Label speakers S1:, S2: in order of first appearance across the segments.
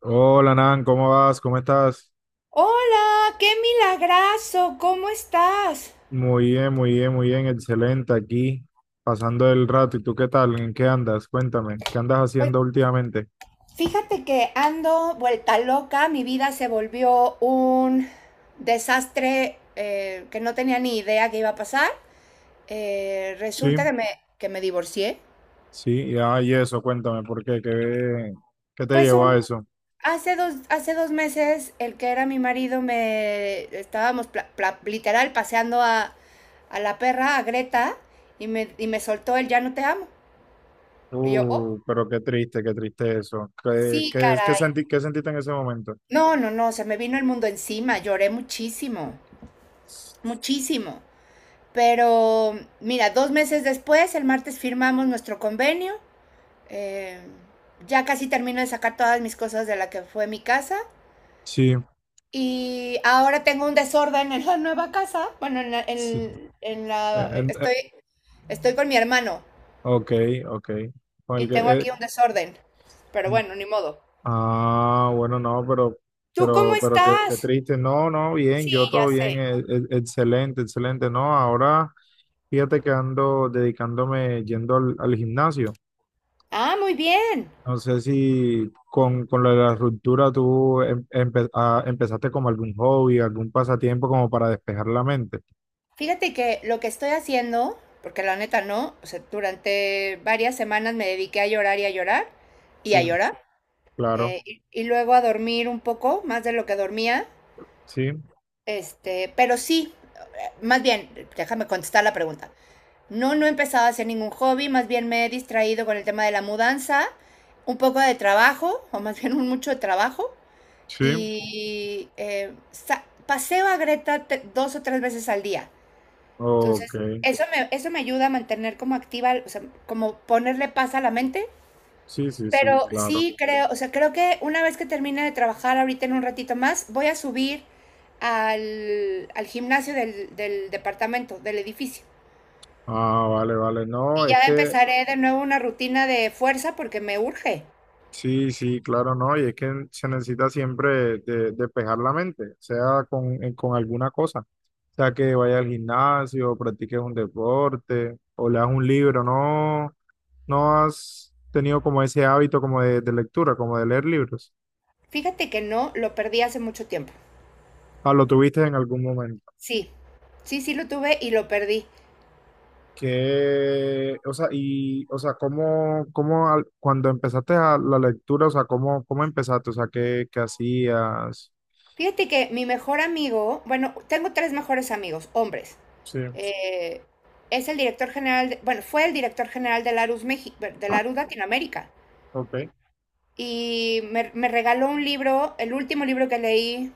S1: Hola Nan, ¿cómo vas? ¿Cómo estás?
S2: Hola, qué milagrazo, ¿cómo estás?
S1: Muy bien, muy bien, muy bien, excelente aquí, pasando el rato. ¿Y tú qué tal? ¿En qué andas? Cuéntame, ¿qué andas
S2: Pues
S1: haciendo últimamente?
S2: fíjate que ando vuelta loca, mi vida se volvió un desastre que no tenía ni idea que iba a pasar. Resulta
S1: Sí,
S2: que que me divorcié.
S1: sí, ah, y eso, cuéntame, ¿por qué? ¿¿Qué te
S2: Pues
S1: llevó a
S2: un,
S1: eso?
S2: hace dos meses el que era mi marido me estábamos literal paseando a la perra, a Greta, y y me soltó el ya no te amo. Y yo, oh,
S1: Pero qué triste eso. ¿Qué,
S2: sí,
S1: qué, qué
S2: caray.
S1: senti- qué sentiste en ese momento?
S2: No, no, no, se me vino el mundo encima, lloré muchísimo, muchísimo. Pero mira, dos meses después, el martes firmamos nuestro convenio. eh, ya casi termino de sacar todas mis cosas de la que fue mi casa.
S1: Sí,
S2: Y ahora tengo un desorden en la nueva casa. Bueno,
S1: sí.
S2: en
S1: Eh,
S2: la-
S1: en- eh,
S2: estoy, estoy con mi hermano
S1: ok, ok. Con
S2: y
S1: el
S2: tengo
S1: que, eh,
S2: aquí un desorden. Pero bueno, ni modo.
S1: ah, bueno, no, pero,
S2: ¿Tú cómo
S1: pero qué,
S2: estás?
S1: qué triste. No, no, bien, yo
S2: Sí, ya
S1: todo bien,
S2: sé.
S1: excelente, excelente. No, ahora fíjate que ando dedicándome yendo al, al gimnasio.
S2: Ah, muy bien.
S1: No sé si con, con lo de la ruptura tú empezaste como algún hobby, algún pasatiempo como para despejar la mente.
S2: Fíjate que lo que estoy haciendo, porque la neta no, o sea, durante varias semanas me dediqué a llorar y a llorar y a
S1: Sí,
S2: llorar,
S1: claro,
S2: y luego a dormir un poco, más de lo que dormía,
S1: sí,
S2: este, pero sí, más bien, déjame contestar la pregunta. No, no he empezado a hacer ningún hobby, más bien me he distraído con el tema de la mudanza, un poco de trabajo, o más bien un mucho de trabajo,
S1: sí,
S2: y paseo a Greta dos o tres veces al día.
S1: ok,
S2: Entonces, eso me ayuda a mantener como activa, o sea, como ponerle paz a la mente.
S1: sí, sí, sí,
S2: Pero
S1: claro.
S2: sí creo, o sea, creo que una vez que termine de trabajar ahorita en un ratito más, voy a subir al gimnasio del departamento, del edificio.
S1: Ah, vale, vale,
S2: Y
S1: no, es
S2: ya
S1: que
S2: empezaré de nuevo una rutina de fuerza porque me urge.
S1: sí, sí, claro, no, y es que se necesita siempre de despejar la mente, sea con alguna cosa, sea que vaya al gimnasio, practiques un deporte o leas un libro. No, no has tenido como ese hábito como de lectura, como de leer libros,
S2: Fíjate que no, lo perdí hace mucho tiempo.
S1: ah, lo tuviste en algún momento,
S2: Sí, sí, sí lo tuve y lo perdí.
S1: que, o sea, y, o sea, cómo, cuando empezaste a la lectura, o sea, cómo, cómo empezaste, o sea, qué, qué hacías,
S2: Fíjate que mi mejor amigo, bueno, tengo tres mejores amigos, hombres.
S1: sí,
S2: Eh, es el director general, bueno, fue el director general de Larus México, de Larus Latinoamérica.
S1: ok,
S2: Y me regaló un libro, el último libro que leí,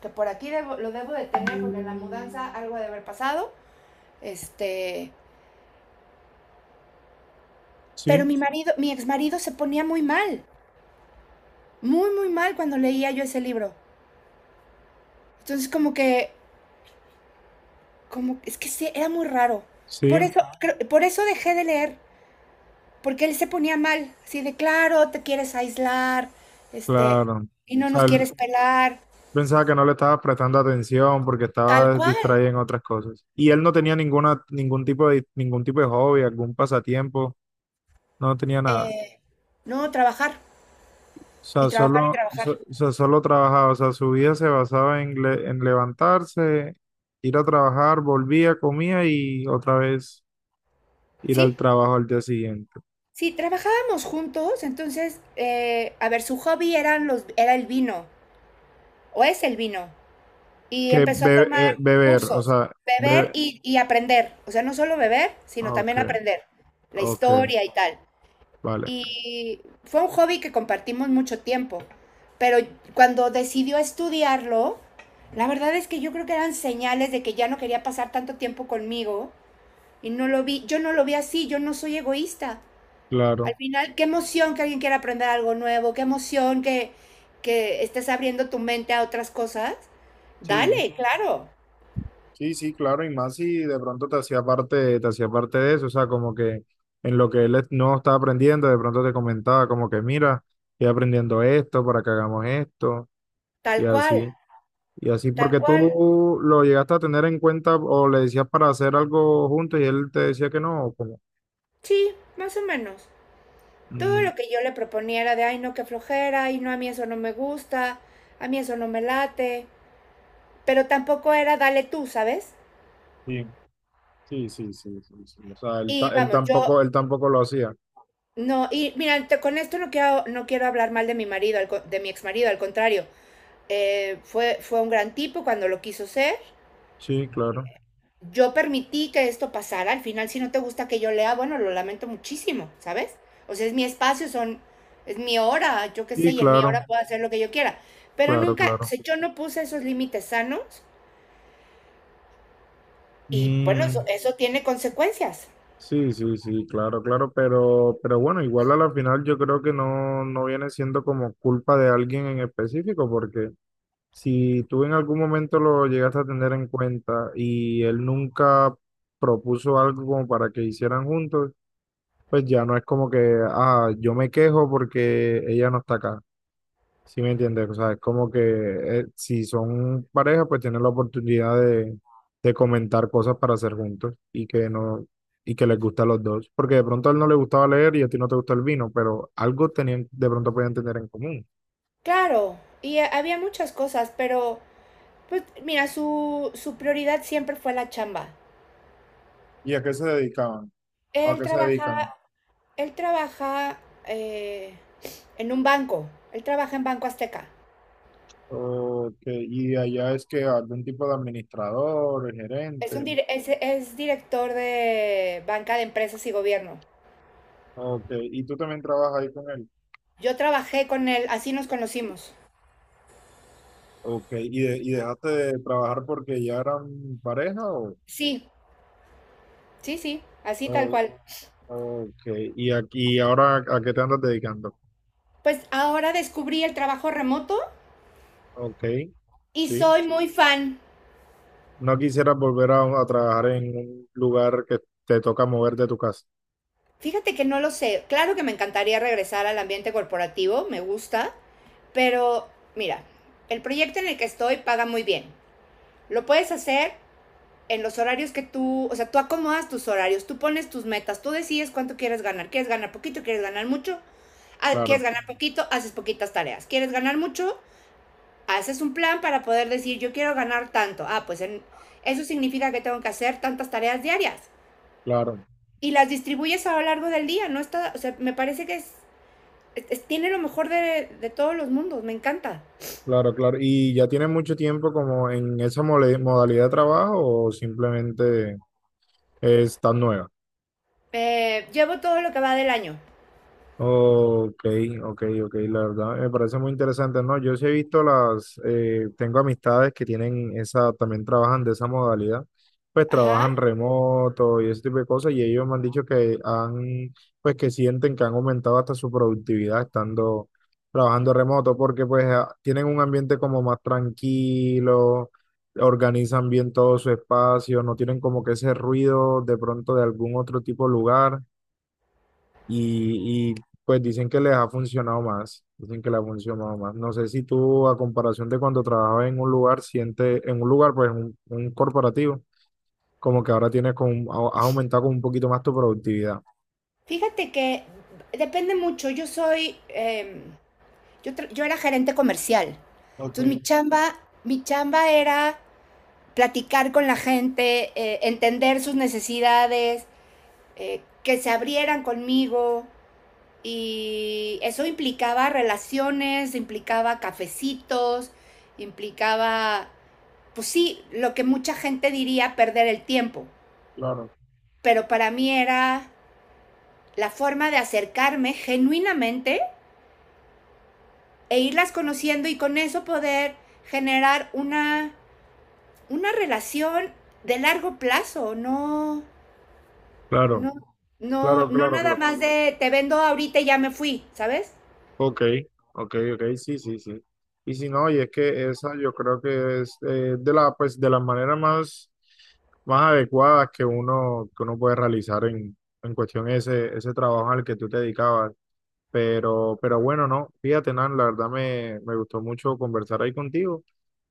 S2: que por aquí lo debo de tener porque en la mudanza algo ha de haber pasado. Este, pero
S1: sí,
S2: mi marido, mi exmarido se ponía muy mal, muy, muy mal cuando leía yo ese libro. Entonces es que sí, era muy raro. Por
S1: sí.
S2: eso, por eso dejé de leer. Porque él se ponía mal, así de claro, te quieres aislar, este,
S1: Claro. O
S2: y no
S1: sea,
S2: nos quieres
S1: él
S2: pelar,
S1: pensaba que no le estaba prestando atención porque
S2: tal
S1: estaba
S2: cual.
S1: distraído en otras cosas. Y él no tenía ninguna, ningún tipo de hobby, algún pasatiempo, no tenía nada.
S2: Eh, no, trabajar,
S1: O
S2: y
S1: sea,
S2: trabajar y trabajar.
S1: o sea, solo trabajaba. O sea, su vida se basaba en, en levantarse, ir a trabajar, volvía, comía y otra vez ir al
S2: Sí,
S1: trabajo al día siguiente.
S2: sí, trabajábamos juntos, entonces, a ver, su hobby eran los, era el vino, o es el vino, y empezó a tomar
S1: Beber, o
S2: cursos,
S1: sea,
S2: beber
S1: beber.
S2: y aprender. O sea, no solo beber, sino
S1: Ok,
S2: también aprender la
S1: ok,
S2: historia y tal.
S1: vale,
S2: Y fue un hobby que compartimos mucho tiempo, pero cuando decidió estudiarlo, la verdad es que yo creo que eran señales de que ya no quería pasar tanto tiempo conmigo y no lo vi, yo no lo vi así, yo no soy egoísta. Al
S1: claro.
S2: final, qué emoción que alguien quiera aprender algo nuevo, qué emoción que estés abriendo tu mente a otras cosas.
S1: Sí,
S2: Dale, claro,
S1: sí, sí, claro, y más si de pronto te hacía parte de eso, o sea, como que en lo que no estaba aprendiendo, de pronto te comentaba como que mira, estoy aprendiendo esto para que hagamos esto, y
S2: tal cual,
S1: así, y así
S2: tal
S1: porque
S2: cual.
S1: tú lo llegaste a tener en cuenta o le decías para hacer algo juntos y él te decía que no, o como,
S2: Sí, más o menos. Todo
S1: mm,
S2: lo que yo le proponía era de, ay, no, qué flojera, y no, a mí eso no me gusta, a mí eso no me late, pero tampoco era, dale tú, ¿sabes?
S1: sí, sí, sí, sí, sí, sí, o sea, él,
S2: Y vamos, yo,
S1: él tampoco lo hacía,
S2: no, y mira, con esto no quiero, no quiero hablar mal de mi marido, de mi ex marido, al contrario, fue, fue un gran tipo cuando lo quiso ser,
S1: sí, claro,
S2: yo permití que esto pasara, al final si no te gusta que yo lea, bueno, lo lamento muchísimo, ¿sabes? O sea, es mi espacio, son, es mi hora, yo qué sé,
S1: y
S2: y en mi
S1: claro,
S2: hora puedo hacer lo que yo quiera. Pero
S1: claro,
S2: nunca, o
S1: claro.
S2: sea, yo no puse esos límites sanos y bueno, eso,
S1: Mm,
S2: eso tiene consecuencias.
S1: sí, sí, sí, claro, claro, pero bueno, igual a la final yo creo que no, no viene siendo como culpa de alguien en específico, porque si tú en algún momento lo llegaste a tener en cuenta y él nunca propuso algo como para que hicieran juntos, pues ya no es como que, ah, yo me quejo porque ella no está acá. Sí, me entiendes, o sea, es como que si son pareja, pues tienen la oportunidad de comentar cosas para hacer juntos y que no, y que les gusta a los dos, porque de pronto a él no le gustaba leer y a ti no te gusta el vino, pero algo tenían, de pronto podían tener en común.
S2: Claro, y había muchas cosas, pero pues mira, su prioridad siempre fue la chamba.
S1: ¿Y a qué se dedicaban? ¿A
S2: Él
S1: qué se
S2: trabaja,
S1: dedican?
S2: él trabaja eh, en un banco, él trabaja en Banco Azteca.
S1: Ok, y allá es que algún tipo de administrador, gerente,
S2: Es director de banca de empresas y gobierno.
S1: ok, y tú también trabajas ahí con él,
S2: Yo trabajé con él, así nos conocimos.
S1: ok, y, y dejaste de trabajar porque ya eran pareja
S2: Sí, sí, sí, así tal
S1: o,
S2: cual.
S1: ok, y aquí ahora ¿a qué te andas dedicando?
S2: Pues ahora descubrí el trabajo remoto
S1: Ok,
S2: y
S1: sí.
S2: soy muy fan.
S1: No quisieras volver a trabajar en un lugar que te toca mover de tu casa.
S2: Fíjate que no lo sé. Claro que me encantaría regresar al ambiente corporativo, me gusta, pero mira, el proyecto en el que estoy paga muy bien. Lo puedes hacer en los horarios que tú, o sea, tú acomodas tus horarios, tú pones tus metas, tú decides cuánto quieres ganar. ¿Quieres ganar poquito? ¿Quieres ganar mucho? Ah, ¿quieres
S1: Claro,
S2: ganar poquito? Haces poquitas tareas. ¿Quieres ganar mucho? Haces un plan para poder decir, yo quiero ganar tanto. Ah, eso significa que tengo que hacer tantas tareas diarias.
S1: claro,
S2: Y las distribuyes a lo largo del día, ¿no? Está, o sea, me parece que es tiene lo mejor todos los mundos, me encanta.
S1: claro, claro. ¿Y ya tienes mucho tiempo como en esa modalidad de trabajo o simplemente es tan nueva?
S2: Llevo todo lo que va del año.
S1: Ok, ok, ok, la verdad me parece muy interesante, ¿no? Yo sí he visto las, tengo amistades que tienen esa, también trabajan de esa modalidad, pues
S2: Ajá.
S1: trabajan remoto y ese tipo de cosas y ellos me han dicho que han, pues que sienten que han aumentado hasta su productividad estando trabajando remoto porque pues tienen un ambiente como más tranquilo, organizan bien todo su espacio, no tienen como que ese ruido de pronto de algún otro tipo de lugar y, pues dicen que les ha funcionado más, dicen que les ha funcionado más. No sé si tú, a comparación de cuando trabajabas en un lugar, sientes, en un lugar, pues un corporativo, como que ahora tienes con, has aumentado con un poquito más tu productividad.
S2: Fíjate que depende mucho, yo soy... yo era gerente comercial.
S1: Ok,
S2: Entonces mi chamba era platicar con la gente, entender sus necesidades, que se abrieran conmigo. Y eso implicaba relaciones, implicaba cafecitos, implicaba, pues sí, lo que mucha gente diría perder el tiempo.
S1: claro.
S2: Pero para mí era la forma de acercarme genuinamente e irlas conociendo y con eso poder generar una relación de largo plazo, no,
S1: Claro,
S2: no, no,
S1: claro,
S2: no
S1: claro,
S2: nada
S1: claro.
S2: más de te vendo ahorita y ya me fui, ¿sabes?
S1: Ok, ok, ok, sí, sí, sí. Y si no, y es que esa yo creo que es de la, pues, de las maneras más, más adecuadas que uno puede realizar en cuestión ese, ese trabajo al que tú te dedicabas. Pero bueno, no, fíjate, Nan, la verdad me, me gustó mucho conversar ahí contigo,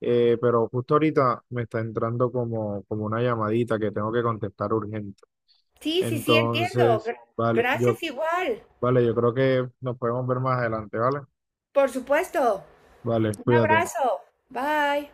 S1: pero justo ahorita me está entrando como, como una llamadita que tengo que contestar urgente.
S2: Sí, sí, sí, entiendo.
S1: Entonces, vale, yo,
S2: Gracias igual.
S1: vale, yo creo que nos podemos ver más adelante, ¿vale?
S2: Por supuesto.
S1: Vale,
S2: Un
S1: cuídate.
S2: abrazo. Bye.